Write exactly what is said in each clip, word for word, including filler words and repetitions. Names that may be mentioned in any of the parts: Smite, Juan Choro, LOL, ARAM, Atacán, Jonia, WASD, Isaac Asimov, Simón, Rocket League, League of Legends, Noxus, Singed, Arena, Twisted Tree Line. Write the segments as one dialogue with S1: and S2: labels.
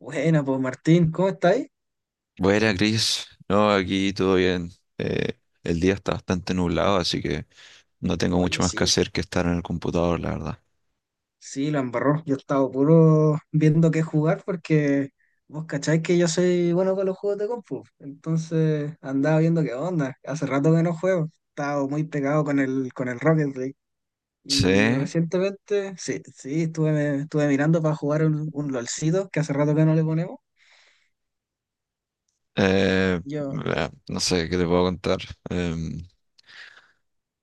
S1: Buena, pues Martín, ¿cómo estáis?
S2: Buena, Cris. No, aquí todo bien. Eh, el día está bastante nublado, así que no tengo
S1: Oye,
S2: mucho más que
S1: sí,
S2: hacer que estar en el computador, la verdad.
S1: sí, la embarró. Yo he estado puro viendo qué jugar porque vos cacháis que yo soy bueno con los juegos de compu. Entonces andaba viendo qué onda. Hace rato que no juego. He estado muy pegado con el, con el Rocket League. Y
S2: Sí,
S1: recientemente, sí, sí, estuve, estuve mirando para jugar un, un LOLcito que hace rato que no le ponemos.
S2: eh,
S1: Yo,
S2: bah, no sé qué te puedo contar. Em,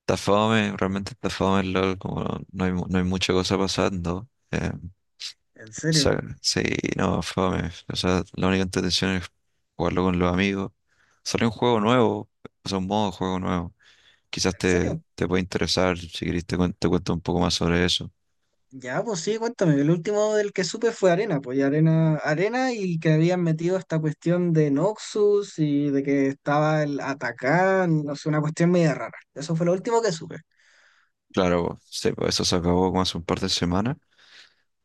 S2: Está fome, realmente está fome el LOL, como no, no hay, mu- no hay mucha cosa pasando. Em,
S1: en serio,
S2: o Sí, no, fome. O sea, la única intención es jugarlo con los amigos. Salió un juego nuevo, o sea, un modo de juego nuevo. Quizás
S1: en
S2: te,
S1: serio.
S2: te puede interesar. Si querés te, cuen- te cuento un poco más sobre eso.
S1: Ya, pues sí, cuéntame. El último del que supe fue Arena, pues y Arena, Arena y que habían metido esta cuestión de Noxus y de que estaba el Atacán, no sé, una cuestión media rara. Eso fue lo último que supe,
S2: Claro, po. Sí, pues eso se acabó como hace un par de semanas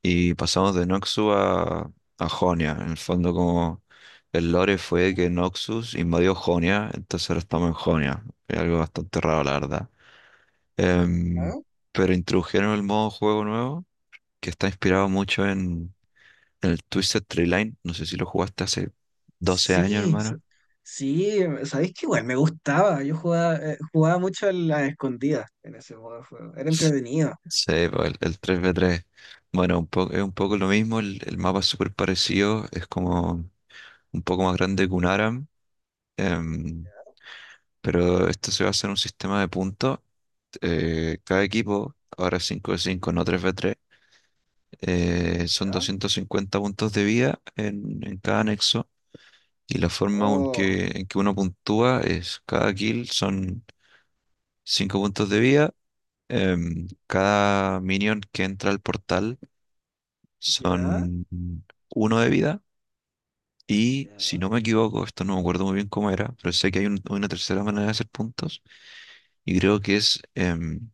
S2: y pasamos de Noxus a, a Jonia. En el fondo, como el lore fue que Noxus invadió Jonia, entonces ahora estamos en Jonia. Es algo bastante raro, la verdad. Em,
S1: ¿no?
S2: pero introdujeron el modo juego nuevo que está inspirado mucho en, en el Twisted Tree Line. No sé si lo jugaste hace doce años,
S1: Sí, s-
S2: hermano.
S1: sí, sabéis que igual me gustaba. Yo jugaba, eh, jugaba mucho a las escondidas en ese modo de juego. Era entretenido.
S2: Sí, pues, el, el tres v tres. Bueno, un po- es un poco lo mismo. El, el mapa es súper parecido, es como un poco más grande que un ARAM. em, pero esto se basa en un sistema de puntos. Eh, cada equipo, ahora cinco de cinco, no tres v tres, eh, son
S1: ¿Ya?
S2: doscientos cincuenta puntos de vida en, en cada anexo. Y la forma en
S1: Oh,
S2: que, en que uno puntúa, es cada kill son cinco puntos de vida. Em, cada minion que entra al portal
S1: ya,
S2: son uno de vida. Y si
S1: ya,
S2: no me equivoco, esto no me acuerdo muy bien cómo era, pero sé que hay un- una tercera manera de hacer puntos, y creo que es em,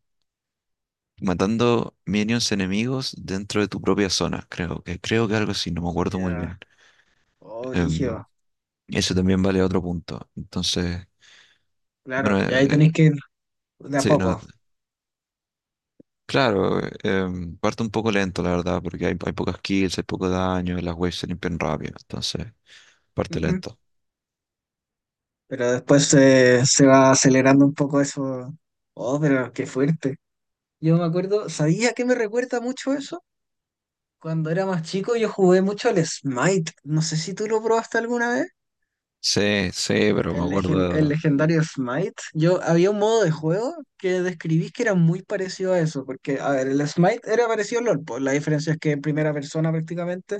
S2: matando minions enemigos dentro de tu propia zona. Creo que, creo que algo así, no me acuerdo muy
S1: ya.
S2: bien.
S1: Oh,
S2: Em,
S1: brígido.
S2: Eso también vale otro punto. Entonces, bueno,
S1: Claro,
S2: eh,
S1: y ahí
S2: eh,
S1: tenéis que ir de a
S2: sí, no,
S1: poco.
S2: claro, eh, em, parto un poco lento, la verdad, porque hay, hay pocas kills, hay poco daño, y las waves se limpian rápido. Entonces, parte
S1: Ujú.
S2: lento.
S1: Pero después eh, se va acelerando un poco eso. Oh, pero qué fuerte. Yo me acuerdo, ¿sabía que me recuerda mucho eso? Cuando era más chico yo jugué mucho al Smite. No sé si tú lo probaste alguna vez.
S2: Sí, sí, pero me
S1: El, legen- el
S2: acuerdo.
S1: legendario Smite. Yo había un modo de juego que describí que era muy parecido a eso. Porque, a ver, el Smite era parecido al LOL, pues la diferencia es que en primera persona prácticamente,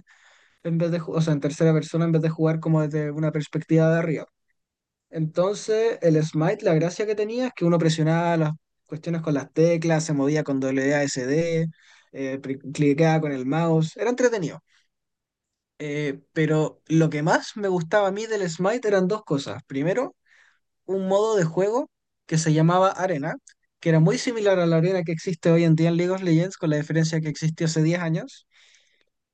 S1: en vez de, ju- o sea, en tercera persona, en vez de jugar como desde una perspectiva de arriba. Entonces, el Smite, la gracia que tenía es que uno presionaba las cuestiones con las teclas, se movía con W A S D, eh, pri- cliqueaba con el mouse, era entretenido. Eh, pero lo que más me gustaba a mí del Smite eran dos cosas. Primero, un modo de juego que se llamaba Arena, que era muy similar a la arena que existe hoy en día en League of Legends, con la diferencia que existió hace diez años,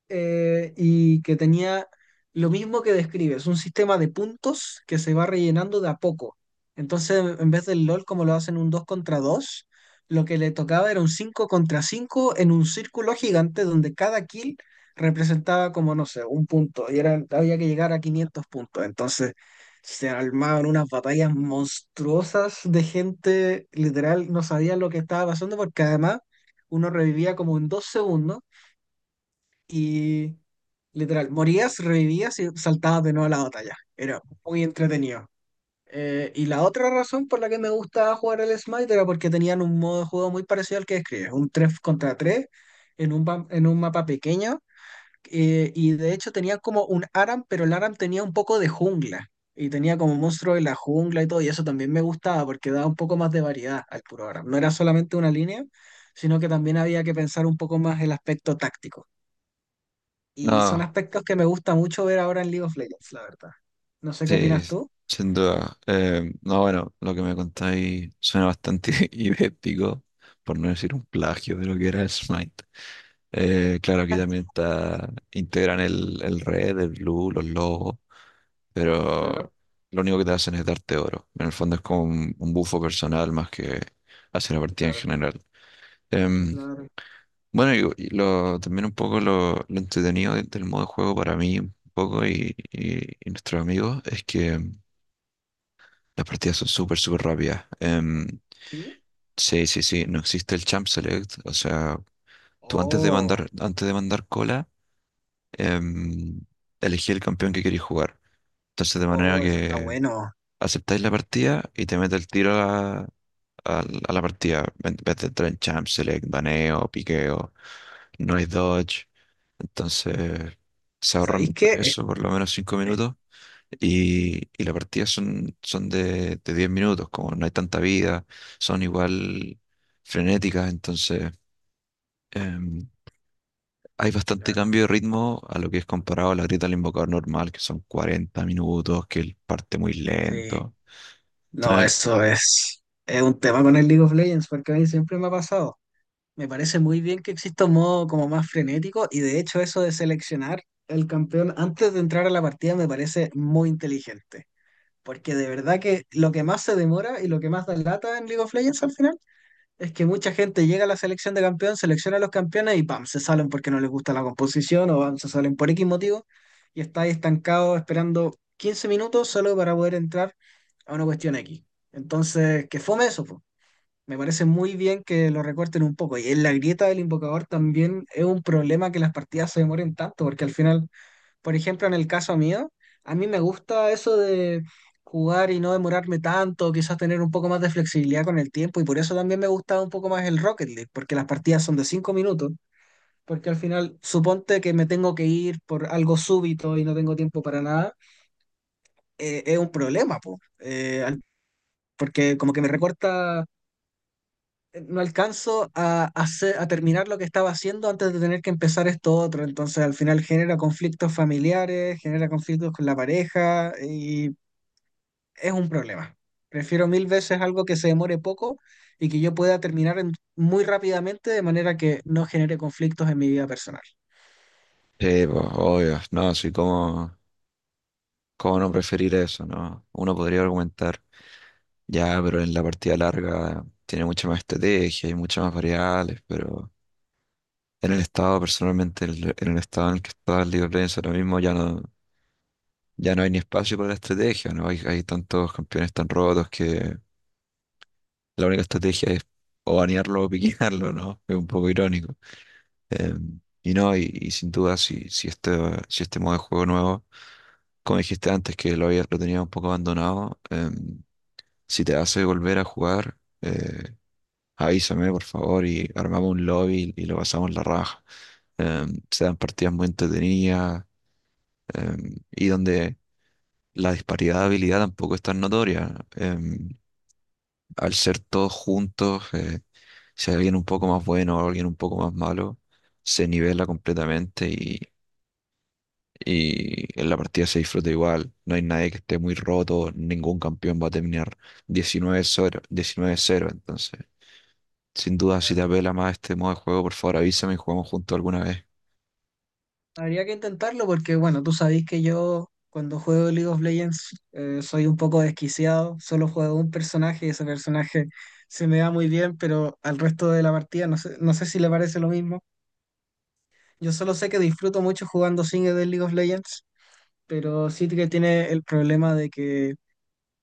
S1: eh, y que tenía lo mismo que describes, un sistema de puntos que se va rellenando de a poco. Entonces, en vez del LOL, como lo hacen un dos contra dos, lo que le tocaba era un cinco contra cinco en un círculo gigante donde cada kill representaba como, no sé, un punto y era, había que llegar a quinientos puntos. Entonces, se armaban unas batallas monstruosas de gente, literal, no sabía lo que estaba pasando porque además uno revivía como en dos segundos y, literal, morías, revivías y saltabas de nuevo a la batalla. Era muy entretenido. Eh, y la otra razón por la que me gustaba jugar el Smite era porque tenían un modo de juego muy parecido al que describes, un tres contra tres en un, pa- en un mapa pequeño. Eh, y de hecho tenía como un ARAM, pero el ARAM tenía un poco de jungla. Y tenía como monstruo de la jungla y todo. Y eso también me gustaba porque daba un poco más de variedad al puro ARAM. No era solamente una línea, sino que también había que pensar un poco más el aspecto táctico. Y son
S2: No.
S1: aspectos que me gusta mucho ver ahora en League of Legends, la verdad. No sé qué
S2: Sí,
S1: opinas tú.
S2: sin duda. Eh, no, bueno, lo que me contáis suena bastante idéntico, por no decir un plagio de lo que era el Smite. Eh, claro, aquí también está, integran el, el red, el blue, los logos, pero
S1: Claro,
S2: lo único que te hacen es darte oro. En el fondo es como un, un bufo personal más que hacia la partida en
S1: claro,
S2: general. Em,
S1: claro.
S2: bueno, y, y lo, también un poco lo, lo entretenido de- del modo de juego para mí, un poco y, y- y nuestros amigos, es que las partidas son súper, súper rápidas. Em,
S1: ¿Sí?
S2: sí, sí, sí, no existe el champ select. O sea, tú antes de
S1: Oh,
S2: mandar, antes de mandar cola, em, elegí el campeón que queréis jugar. Entonces, de manera
S1: oh, eso está
S2: que
S1: bueno.
S2: aceptáis la partida y te mete el tiro a la, a a la partida. En vez de entrar en champ select, baneo, piqueo, no hay dodge. Entonces, se
S1: ¿Sabéis
S2: ahorran
S1: qué? Es-
S2: eso por lo menos cinco
S1: es-
S2: minutos Y, y las partidas son, son de, de diez minutos. Como no hay tanta vida, son igual frenéticas. Entonces, em, hay bastante
S1: claro.
S2: cambio de ritmo a lo que es comparado a la grita del invocador normal, que son cuarenta minutos, que él parte muy
S1: Sí.
S2: lento.
S1: No,
S2: Entonces,
S1: eso es, es un tema con el League of Legends, porque a mí siempre me ha pasado. Me parece muy bien que exista un modo como más frenético, y de hecho eso de seleccionar el campeón antes de entrar a la partida me parece muy inteligente. Porque de verdad que lo que más se demora y lo que más da lata en League of Legends al final es que mucha gente llega a la selección de campeón, selecciona a los campeones y ¡pam!, se salen porque no les gusta la composición, o ¡pam!, se salen por X motivo y está ahí estancado esperando quince minutos solo para poder entrar a una cuestión X. Entonces, que fome eso, po. Me parece muy bien que lo recorten un poco. Y en la grieta del invocador también es un problema que las partidas se demoren tanto porque al final, por ejemplo, en el caso mío, a mí me gusta eso de jugar y no demorarme tanto, quizás tener un poco más de flexibilidad con el tiempo, y por eso también me gusta un poco más el Rocket League, porque las partidas son de cinco minutos, porque al final, suponte que me tengo que ir por algo súbito y no tengo tiempo para nada, eh, es un problema, po, eh, al- porque como que me recorta, no alcanzo a, hacer, a terminar lo que estaba haciendo antes de tener que empezar esto otro. Entonces, al final genera conflictos familiares, genera conflictos con la pareja y es un problema. Prefiero mil veces algo que se demore poco y que yo pueda terminar en- muy rápidamente de manera que no genere conflictos en mi vida personal.
S2: sí, pues, obvio, no, sí, ¿cómo, cómo no preferir eso, no? Uno podría argumentar, ya, pero en la partida larga tiene mucha más estrategia, hay muchas más variables, pero en el estado, personalmente, el- en el estado en el que está el LeagueOf Legends ahora mismo, ya no, ya no hay ni espacio para la estrategia, ¿no? Hay, hay tantos campeones tan rotos que la única estrategia es o banearlo o piquearlo, ¿no? Es un poco irónico. Eh, y no, y, y sin duda, si, si este, si este modo de juego nuevo, como dijiste antes, que lo había, lo tenía un poco abandonado, eh, si te hace volver a jugar, eh, avísame, por favor, y armamos un lobby y lo pasamos la raja. Eh, Se dan partidas muy entretenidas, em, y donde la disparidad de habilidad tampoco es tan notoria. Em, al ser todos juntos, eh, si hay alguien un poco más bueno o alguien un poco más malo, se nivela completamente, y, y en la partida se disfruta igual. No hay nadie que esté muy roto, ningún campeón va a terminar diecinueve cero diecinueve cero entonces. Sin duda, si te apela más este modo de juego, por favor avísame y jugamos juntos alguna vez.
S1: Habría que intentarlo porque, bueno, tú sabés que yo cuando juego League of Legends eh, soy un poco desquiciado, solo juego un personaje y ese personaje se me da muy bien, pero al resto de la partida no sé, no sé si le parece lo mismo. Yo solo sé que disfruto mucho jugando single de League of Legends, pero sí que tiene el problema de que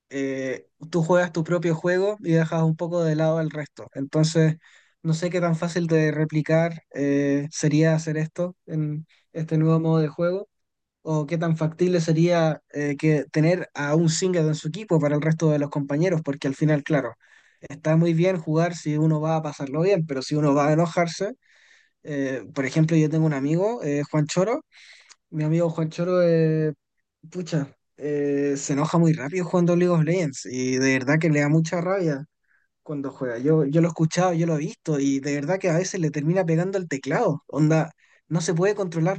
S1: eh, tú juegas tu propio juego y dejas un poco de lado al resto. Entonces, no sé qué tan fácil de replicar eh, sería hacer esto en este nuevo modo de juego o qué tan factible sería, eh, que tener a un singlet en su equipo para el resto de los compañeros, porque al final, claro, está muy bien jugar si uno va a pasarlo bien, pero si uno va a enojarse, eh, por ejemplo, yo tengo un amigo, eh, Juan Choro, mi amigo Juan Choro, eh, pucha, eh, se enoja muy rápido jugando League of Legends y de verdad que le da mucha rabia cuando juega. Yo, yo lo he escuchado, yo lo he visto y de verdad que a veces le termina pegando el teclado. Onda, no se puede controlar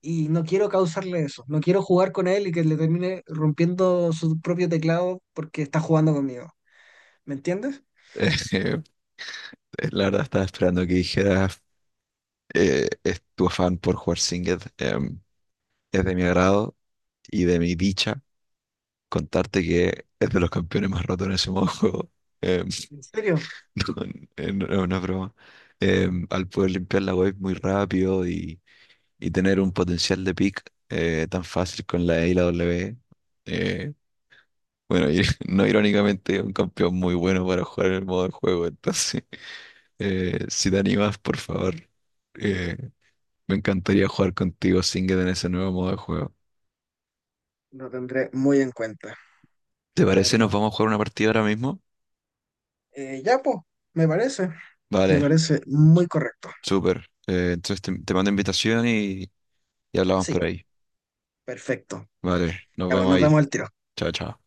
S1: y no quiero causarle eso. No quiero jugar con él y que le termine rompiendo su propio teclado porque está jugando conmigo. ¿Me entiendes?
S2: Eh, la verdad estaba esperando que dijeras eh, es tu afán por jugar Singed. Em, Es de mi agrado y de mi dicha contarte que es de los campeones más rotos en ese modo de juego. Em,
S1: ¿En serio?
S2: no, eh, no, no es una broma. Em, al poder limpiar la wave muy rápido, y, y tener un potencial de pick eh, tan fácil con la E y la W. eh, bueno, y no irónicamente, un campeón muy bueno para jugar en el modo de juego. Entonces, eh, si te animas, por favor, eh, me encantaría jugar contigo, Singed, en ese nuevo modo de juego.
S1: Lo tendré muy en cuenta,
S2: ¿Te
S1: la
S2: parece? ¿Nos
S1: verdad.
S2: vamos a jugar una partida ahora mismo?
S1: Eh, ya, pues, me parece, me
S2: Vale.
S1: parece muy correcto.
S2: Súper. Eh, entonces te, te mando invitación, y, y hablamos
S1: Sí,
S2: por ahí.
S1: perfecto.
S2: Vale, nos
S1: Ya, pues,
S2: vemos
S1: nos
S2: ahí.
S1: vemos al tiro.
S2: Chao, chao.